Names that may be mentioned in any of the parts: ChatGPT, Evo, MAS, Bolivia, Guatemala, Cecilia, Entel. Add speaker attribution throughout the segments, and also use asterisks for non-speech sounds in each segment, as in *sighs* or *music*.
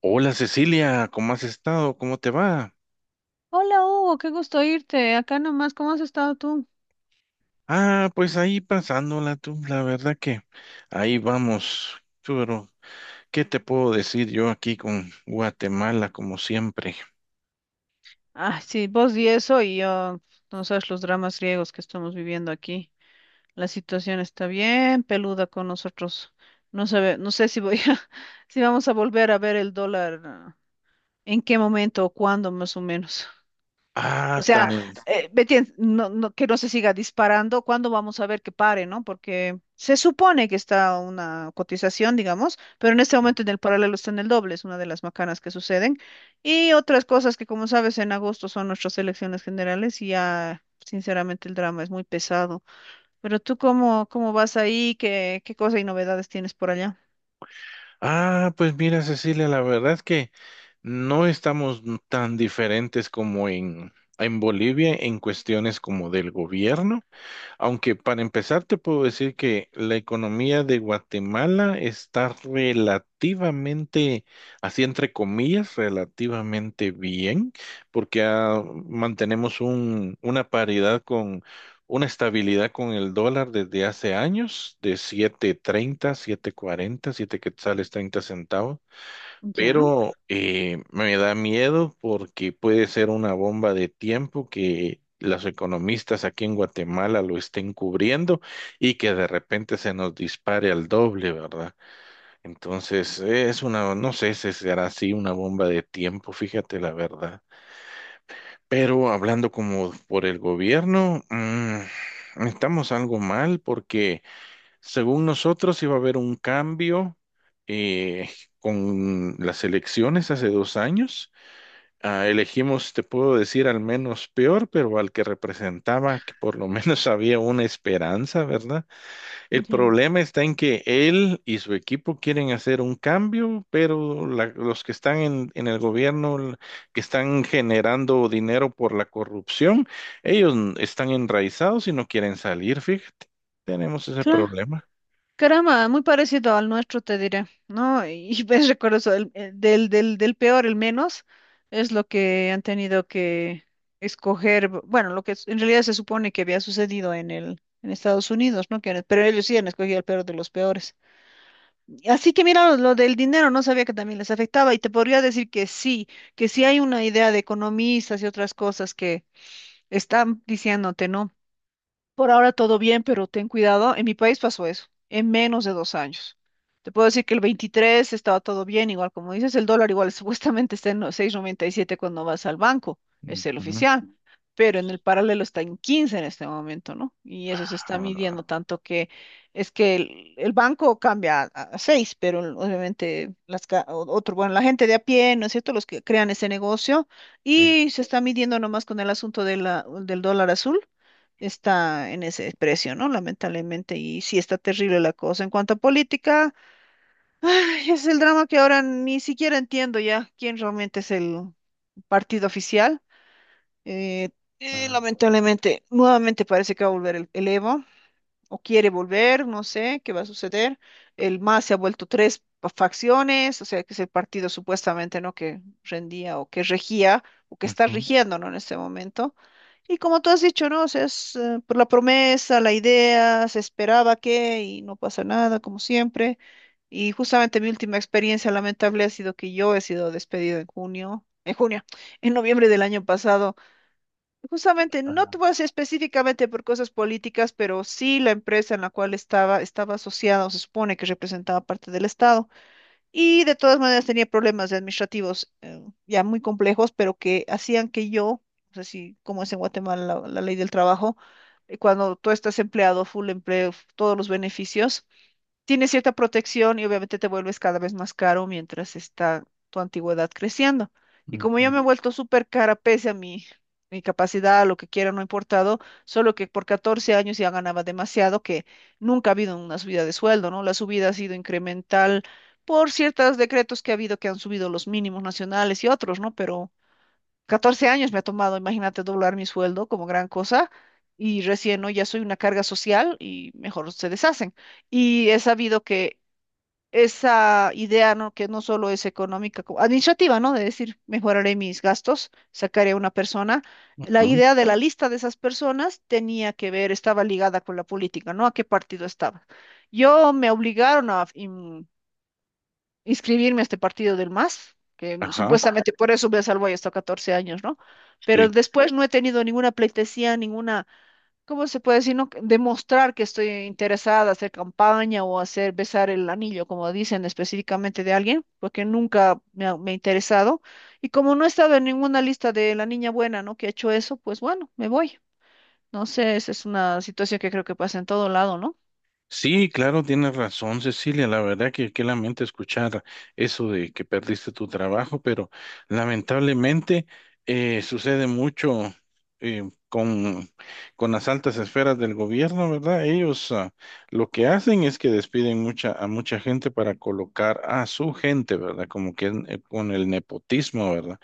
Speaker 1: Hola Cecilia, ¿cómo has estado? ¿Cómo te va?
Speaker 2: Hola Hugo, qué gusto irte acá nomás, ¿cómo has estado tú?
Speaker 1: Ah, pues ahí pasándola tú, la verdad que ahí vamos. Tú, pero, ¿qué te puedo decir yo aquí con Guatemala como siempre?
Speaker 2: Ah, sí, vos y eso y yo, no sabes los dramas griegos que estamos viviendo aquí. La situación está bien peluda con nosotros. No sé si voy a, *laughs* si vamos a volver a ver el dólar, en qué momento o cuándo más o menos. O
Speaker 1: Ah, tan...
Speaker 2: sea,
Speaker 1: en-
Speaker 2: ¿me entiendes? No, que no se siga disparando, ¿cuándo vamos a ver que pare, no? Porque se supone que está una cotización, digamos, pero en este momento en el paralelo está en el doble, es una de las macanas que suceden. Y otras cosas que, como sabes, en agosto son nuestras elecciones generales y ya, sinceramente, el drama es muy pesado. Pero tú, ¿cómo vas ahí? ¿Qué cosa y novedades tienes por allá?
Speaker 1: Ah, pues mira, Cecilia, la verdad es que no estamos tan diferentes como en Bolivia en cuestiones como del gobierno. Aunque para empezar te puedo decir que la economía de Guatemala está relativamente, así entre comillas, relativamente bien, porque mantenemos una paridad con una estabilidad con el dólar desde hace años, de siete treinta, siete cuarenta, siete quetzales 30 centavos,
Speaker 2: Ya,
Speaker 1: pero me da miedo porque puede ser una bomba de tiempo que los economistas aquí en Guatemala lo estén cubriendo y que de repente se nos dispare al doble, ¿verdad? Entonces, es una, no sé si será así una bomba de tiempo, fíjate la verdad. Pero hablando como por el gobierno, estamos algo mal porque... Según nosotros iba a haber un cambio eh, con las elecciones hace 2 años. Ah, elegimos, te puedo decir, al menos peor, pero al que representaba, que por lo menos *laughs* había una esperanza, ¿verdad? El
Speaker 2: ya.
Speaker 1: problema está en que él y su equipo quieren hacer un cambio, pero los que están en el gobierno, que están generando dinero por la corrupción, ellos están enraizados y no quieren salir, fíjate. Tenemos ese
Speaker 2: Claro.
Speaker 1: problema.
Speaker 2: Caramba, muy parecido al nuestro, te diré, ¿no? Y *laughs* ves, recuerdo eso, del peor, el menos, es lo que han tenido que escoger, bueno, en realidad se supone que había sucedido en Estados Unidos, ¿no? Que, pero ellos sí han escogido el peor de los peores. Y así que mira, lo del dinero, no sabía que también les afectaba y te podría decir que sí hay una idea de economistas y otras cosas que están diciéndote, ¿no? Por ahora todo bien, pero ten cuidado. En mi país pasó eso, en menos de 2 años. Te puedo decir que el 23 estaba todo bien, igual como dices, el dólar igual *laughs* supuestamente está en los 7 cuando vas al banco, es el
Speaker 1: Ujú.
Speaker 2: oficial, pero en el paralelo está en 15 en este momento, ¿no? Y eso se está
Speaker 1: Ah,
Speaker 2: midiendo tanto que es que el banco cambia a, 6, pero obviamente las, otro, bueno, la gente de a pie, ¿no es cierto? Los que crean ese negocio
Speaker 1: sí.
Speaker 2: y se está midiendo nomás con el asunto de del dólar azul está en ese precio, ¿no? Lamentablemente, y sí está terrible la cosa. En cuanto a política, *sighs* ay, es el drama que ahora ni siquiera entiendo ya quién realmente es el partido oficial. Eh,
Speaker 1: Ah,
Speaker 2: Lamentablemente, nuevamente parece que va a volver el Evo, o quiere volver, no sé qué va a suceder. El MAS se ha vuelto tres facciones, o sea, que es el partido supuestamente, ¿no? que rendía o que regía o que está
Speaker 1: ujú.
Speaker 2: rigiendo, ¿no? en este momento. Y como tú has dicho, ¿no? O sea, es por la promesa, la idea, se esperaba que y no pasa nada, como siempre. Y justamente mi última experiencia lamentable ha sido que yo he sido despedido en junio, *laughs* en noviembre del año pasado. Justamente, no
Speaker 1: Ah,
Speaker 2: te voy a decir específicamente por cosas políticas, pero sí la empresa en la cual estaba, estaba asociada o se supone que representaba parte del Estado. Y de todas maneras tenía problemas administrativos ya muy complejos, pero que hacían que yo, no sé si como es en Guatemala la, ley del trabajo, cuando tú estás empleado, full empleo, todos los beneficios. Tienes cierta protección y obviamente te vuelves cada vez más caro mientras está tu antigüedad creciendo. Y como yo
Speaker 1: ujú,
Speaker 2: me he vuelto súper cara, pese a mi capacidad, lo que quiera, no ha importado, solo que por 14 años ya ganaba demasiado, que nunca ha habido una subida de sueldo, ¿no? La subida ha sido incremental por ciertos decretos que ha habido que han subido los mínimos nacionales y otros, ¿no? Pero 14 años me ha tomado, imagínate, doblar mi sueldo como gran cosa y recién, ¿no? ya soy una carga social y mejor se deshacen. Y he sabido que esa idea, ¿no? que no solo es económica, como administrativa, ¿no? De decir, mejoraré mis gastos, sacaré a una persona. La
Speaker 1: ujú.
Speaker 2: idea de la lista de esas personas tenía que ver, estaba ligada con la política, ¿no? A qué partido estaba. Yo me obligaron a, inscribirme a este partido del MAS, que
Speaker 1: Ajá,
Speaker 2: supuestamente por eso me salvo ahí hasta 14 años, ¿no? Pero
Speaker 1: sí.
Speaker 2: después no he tenido ninguna pleitesía, ninguna, ¿cómo se puede decir? ¿No? Demostrar que estoy interesada, hacer campaña o hacer besar el anillo, como dicen específicamente de alguien, porque nunca me ha interesado. Y como no he estado en ninguna lista de la niña buena, ¿no? Que ha hecho eso, pues bueno, me voy. No sé, esa es una situación que creo que pasa en todo lado, ¿no?
Speaker 1: Sí, claro, tienes razón, Cecilia. La verdad que qué lamento escuchar eso de que perdiste tu trabajo, pero lamentablemente sucede mucho eh, con, con las altas esferas del gobierno, ¿verdad? Ellos, lo que hacen es que despiden mucha, a mucha gente para colocar a su gente, ¿verdad? Como que con el nepotismo, ¿verdad?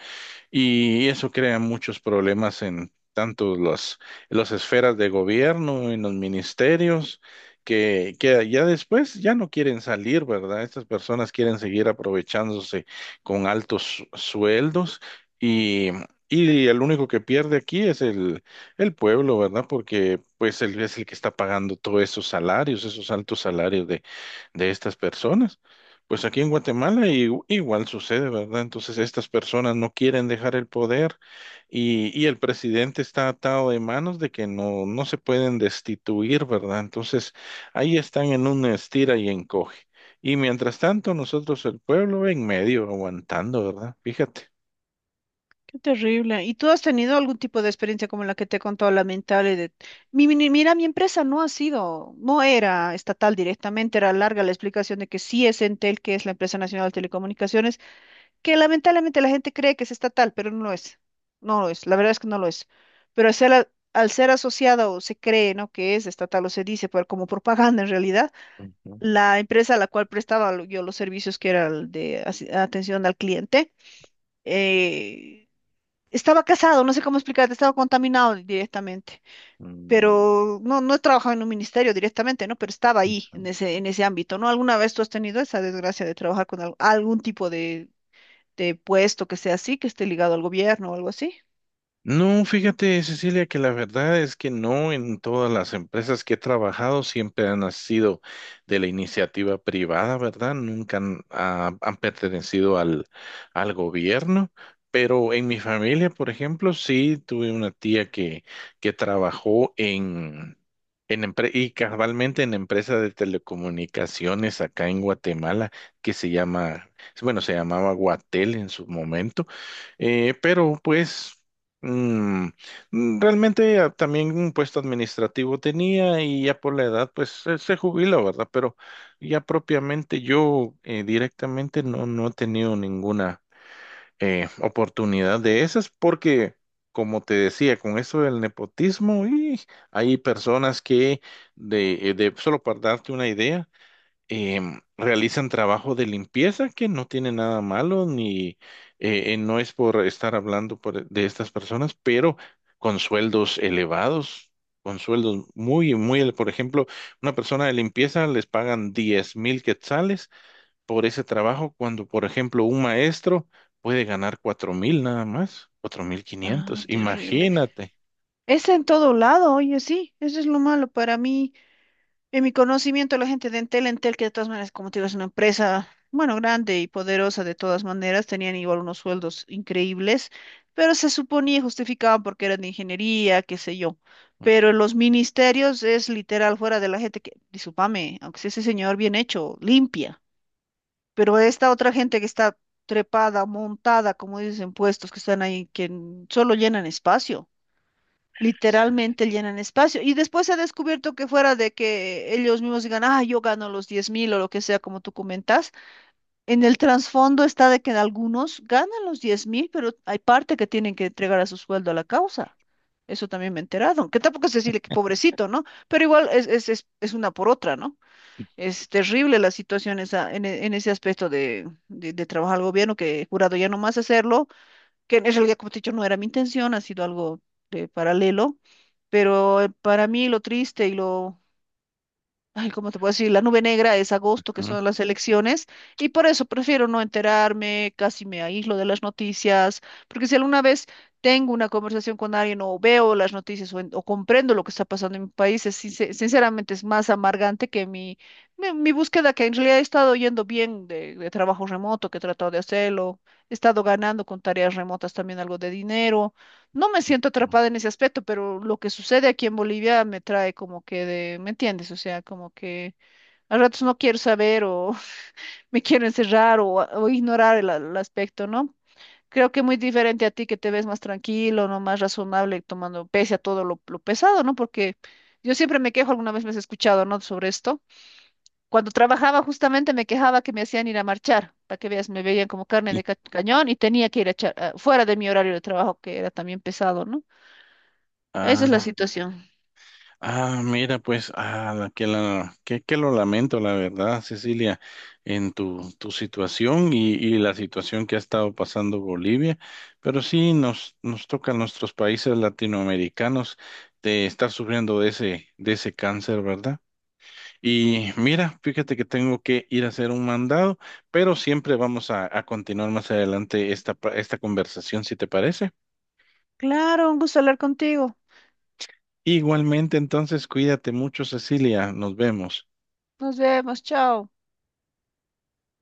Speaker 1: Y eso crea muchos problemas en tanto las esferas de gobierno, en los ministerios, que ya después ya no quieren salir, ¿verdad? Estas personas quieren seguir aprovechándose con altos sueldos y, y el único que pierde aquí es el pueblo, ¿verdad? Porque pues él es el que está pagando todos esos salarios, esos altos salarios de estas personas. Pues aquí en Guatemala igual sucede, ¿verdad? Entonces estas personas no quieren dejar el poder y el presidente está atado de manos de que no, no se pueden destituir, ¿verdad? Entonces ahí están en un estira y encoge. Y mientras tanto, nosotros el pueblo en medio aguantando, ¿verdad? Fíjate.
Speaker 2: Qué terrible. ¿Y tú has tenido algún tipo de experiencia como la que te he contado, lamentable? De... mira, mi empresa no ha sido, no era estatal directamente, era larga la explicación de que sí es Entel, que es la empresa nacional de telecomunicaciones, que lamentablemente la gente cree que es estatal, pero no lo es. No lo es, la verdad es que no lo es. Pero al ser asociada o se cree, ¿no? que es estatal o se dice, pero como propaganda en realidad,
Speaker 1: Ujú.
Speaker 2: la empresa a la cual prestaba yo los servicios, que era el de atención al cliente, eh, estaba casado, no sé cómo explicarte, estaba contaminado directamente,
Speaker 1: Mm.
Speaker 2: pero no, no he trabajado en un ministerio directamente, ¿no? Pero estaba ahí, en ese, ámbito, ¿no? ¿Alguna vez tú has tenido esa desgracia de trabajar con algún tipo de puesto que sea así, que esté ligado al gobierno o algo así?
Speaker 1: No, fíjate, Cecilia, que la verdad es que no en todas las empresas que he trabajado siempre han sido de la iniciativa privada, ¿verdad? Nunca han pertenecido al gobierno, pero en mi familia, por ejemplo, sí tuve una tía que trabajó en y cabalmente en empresa de telecomunicaciones acá en Guatemala que se llama, bueno, se llamaba Guatel en su momento. Pero pues Mm, realmente también un puesto administrativo tenía y ya por la edad pues se jubila, ¿verdad? Pero ya propiamente yo directamente no, no he tenido ninguna oportunidad de esas porque, como te decía, con eso del nepotismo, y hay personas que, solo para darte una idea, realizan trabajo de limpieza que no tiene nada malo, ni no es por estar hablando de estas personas, pero con sueldos elevados, con sueldos muy, muy, por ejemplo, una persona de limpieza les pagan 10.000 quetzales por ese trabajo, cuando, por ejemplo, un maestro puede ganar 4.000 nada más, cuatro mil
Speaker 2: Ah,
Speaker 1: quinientos
Speaker 2: terrible.
Speaker 1: imagínate.
Speaker 2: Es en todo lado, oye, sí, eso es lo malo para mí. En mi conocimiento, la gente de Entel, que de todas maneras, como te digo, es una empresa, bueno, grande y poderosa de todas maneras, tenían igual unos sueldos increíbles, pero se suponía y justificaban porque eran de ingeniería, qué sé yo. Pero los ministerios es literal fuera de la gente que, discúlpame, aunque sea ese señor bien hecho, limpia, pero esta otra gente que está trepada, montada, como dicen, puestos que están ahí, que solo llenan espacio literalmente llenan espacio. Y después se ha descubierto que fuera de que ellos mismos digan, ah, yo gano los 10.000 o lo que sea, como tú comentas, en el trasfondo está de que algunos ganan los 10.000, pero hay parte que tienen que entregar a su sueldo a la causa. Eso también me he enterado, aunque tampoco es decirle que pobrecito, ¿no? Pero igual es, es una por otra, ¿no? Es terrible la situación en, en ese aspecto de, de trabajar al gobierno, que el jurado ya no más hacerlo, que en realidad, como te he dicho, no era mi intención, ha sido algo de paralelo, pero para mí lo triste y lo ay, ¿cómo te puedo decir? La nube negra es agosto, que
Speaker 1: Ujú,
Speaker 2: son las elecciones, y por eso prefiero no enterarme, casi me aíslo de las noticias, porque si alguna vez tengo una conversación con alguien o veo las noticias o comprendo lo que está pasando en mi país, es, sinceramente es más amargante que mi, mi búsqueda, que en realidad he estado yendo bien de, trabajo remoto, que he tratado de hacerlo, he estado ganando con tareas remotas también algo de dinero. No me siento atrapada en ese aspecto, pero lo que sucede aquí en Bolivia me trae como que de, ¿me entiendes? O sea, como que a ratos no quiero saber o *laughs* me quiero encerrar o ignorar el, aspecto, ¿no? Creo que muy diferente a ti que te ves más tranquilo, ¿no? Más razonable, tomando pese a todo lo pesado, ¿no? Porque yo siempre me quejo, alguna vez me has escuchado, ¿no? Sobre esto. Cuando trabajaba justamente me quejaba que me hacían ir a marchar, para que veas, me veían como carne
Speaker 1: ujú.
Speaker 2: de cañón y tenía que ir a echar, fuera de mi horario de trabajo, que era también pesado, ¿no? Esa es la
Speaker 1: Ah,
Speaker 2: situación.
Speaker 1: Ah, mira, pues, que lo lamento, la verdad, Cecilia, en tu situación y la situación que ha estado pasando Bolivia, pero sí nos toca a nuestros países latinoamericanos de estar sufriendo de ese cáncer, ¿verdad? Y mira, fíjate que tengo que ir a hacer un mandado, pero siempre vamos a continuar más adelante esta conversación, si te parece.
Speaker 2: Claro, un gusto hablar contigo.
Speaker 1: Igualmente, entonces, cuídate mucho, Cecilia, nos vemos.
Speaker 2: Nos vemos, chao.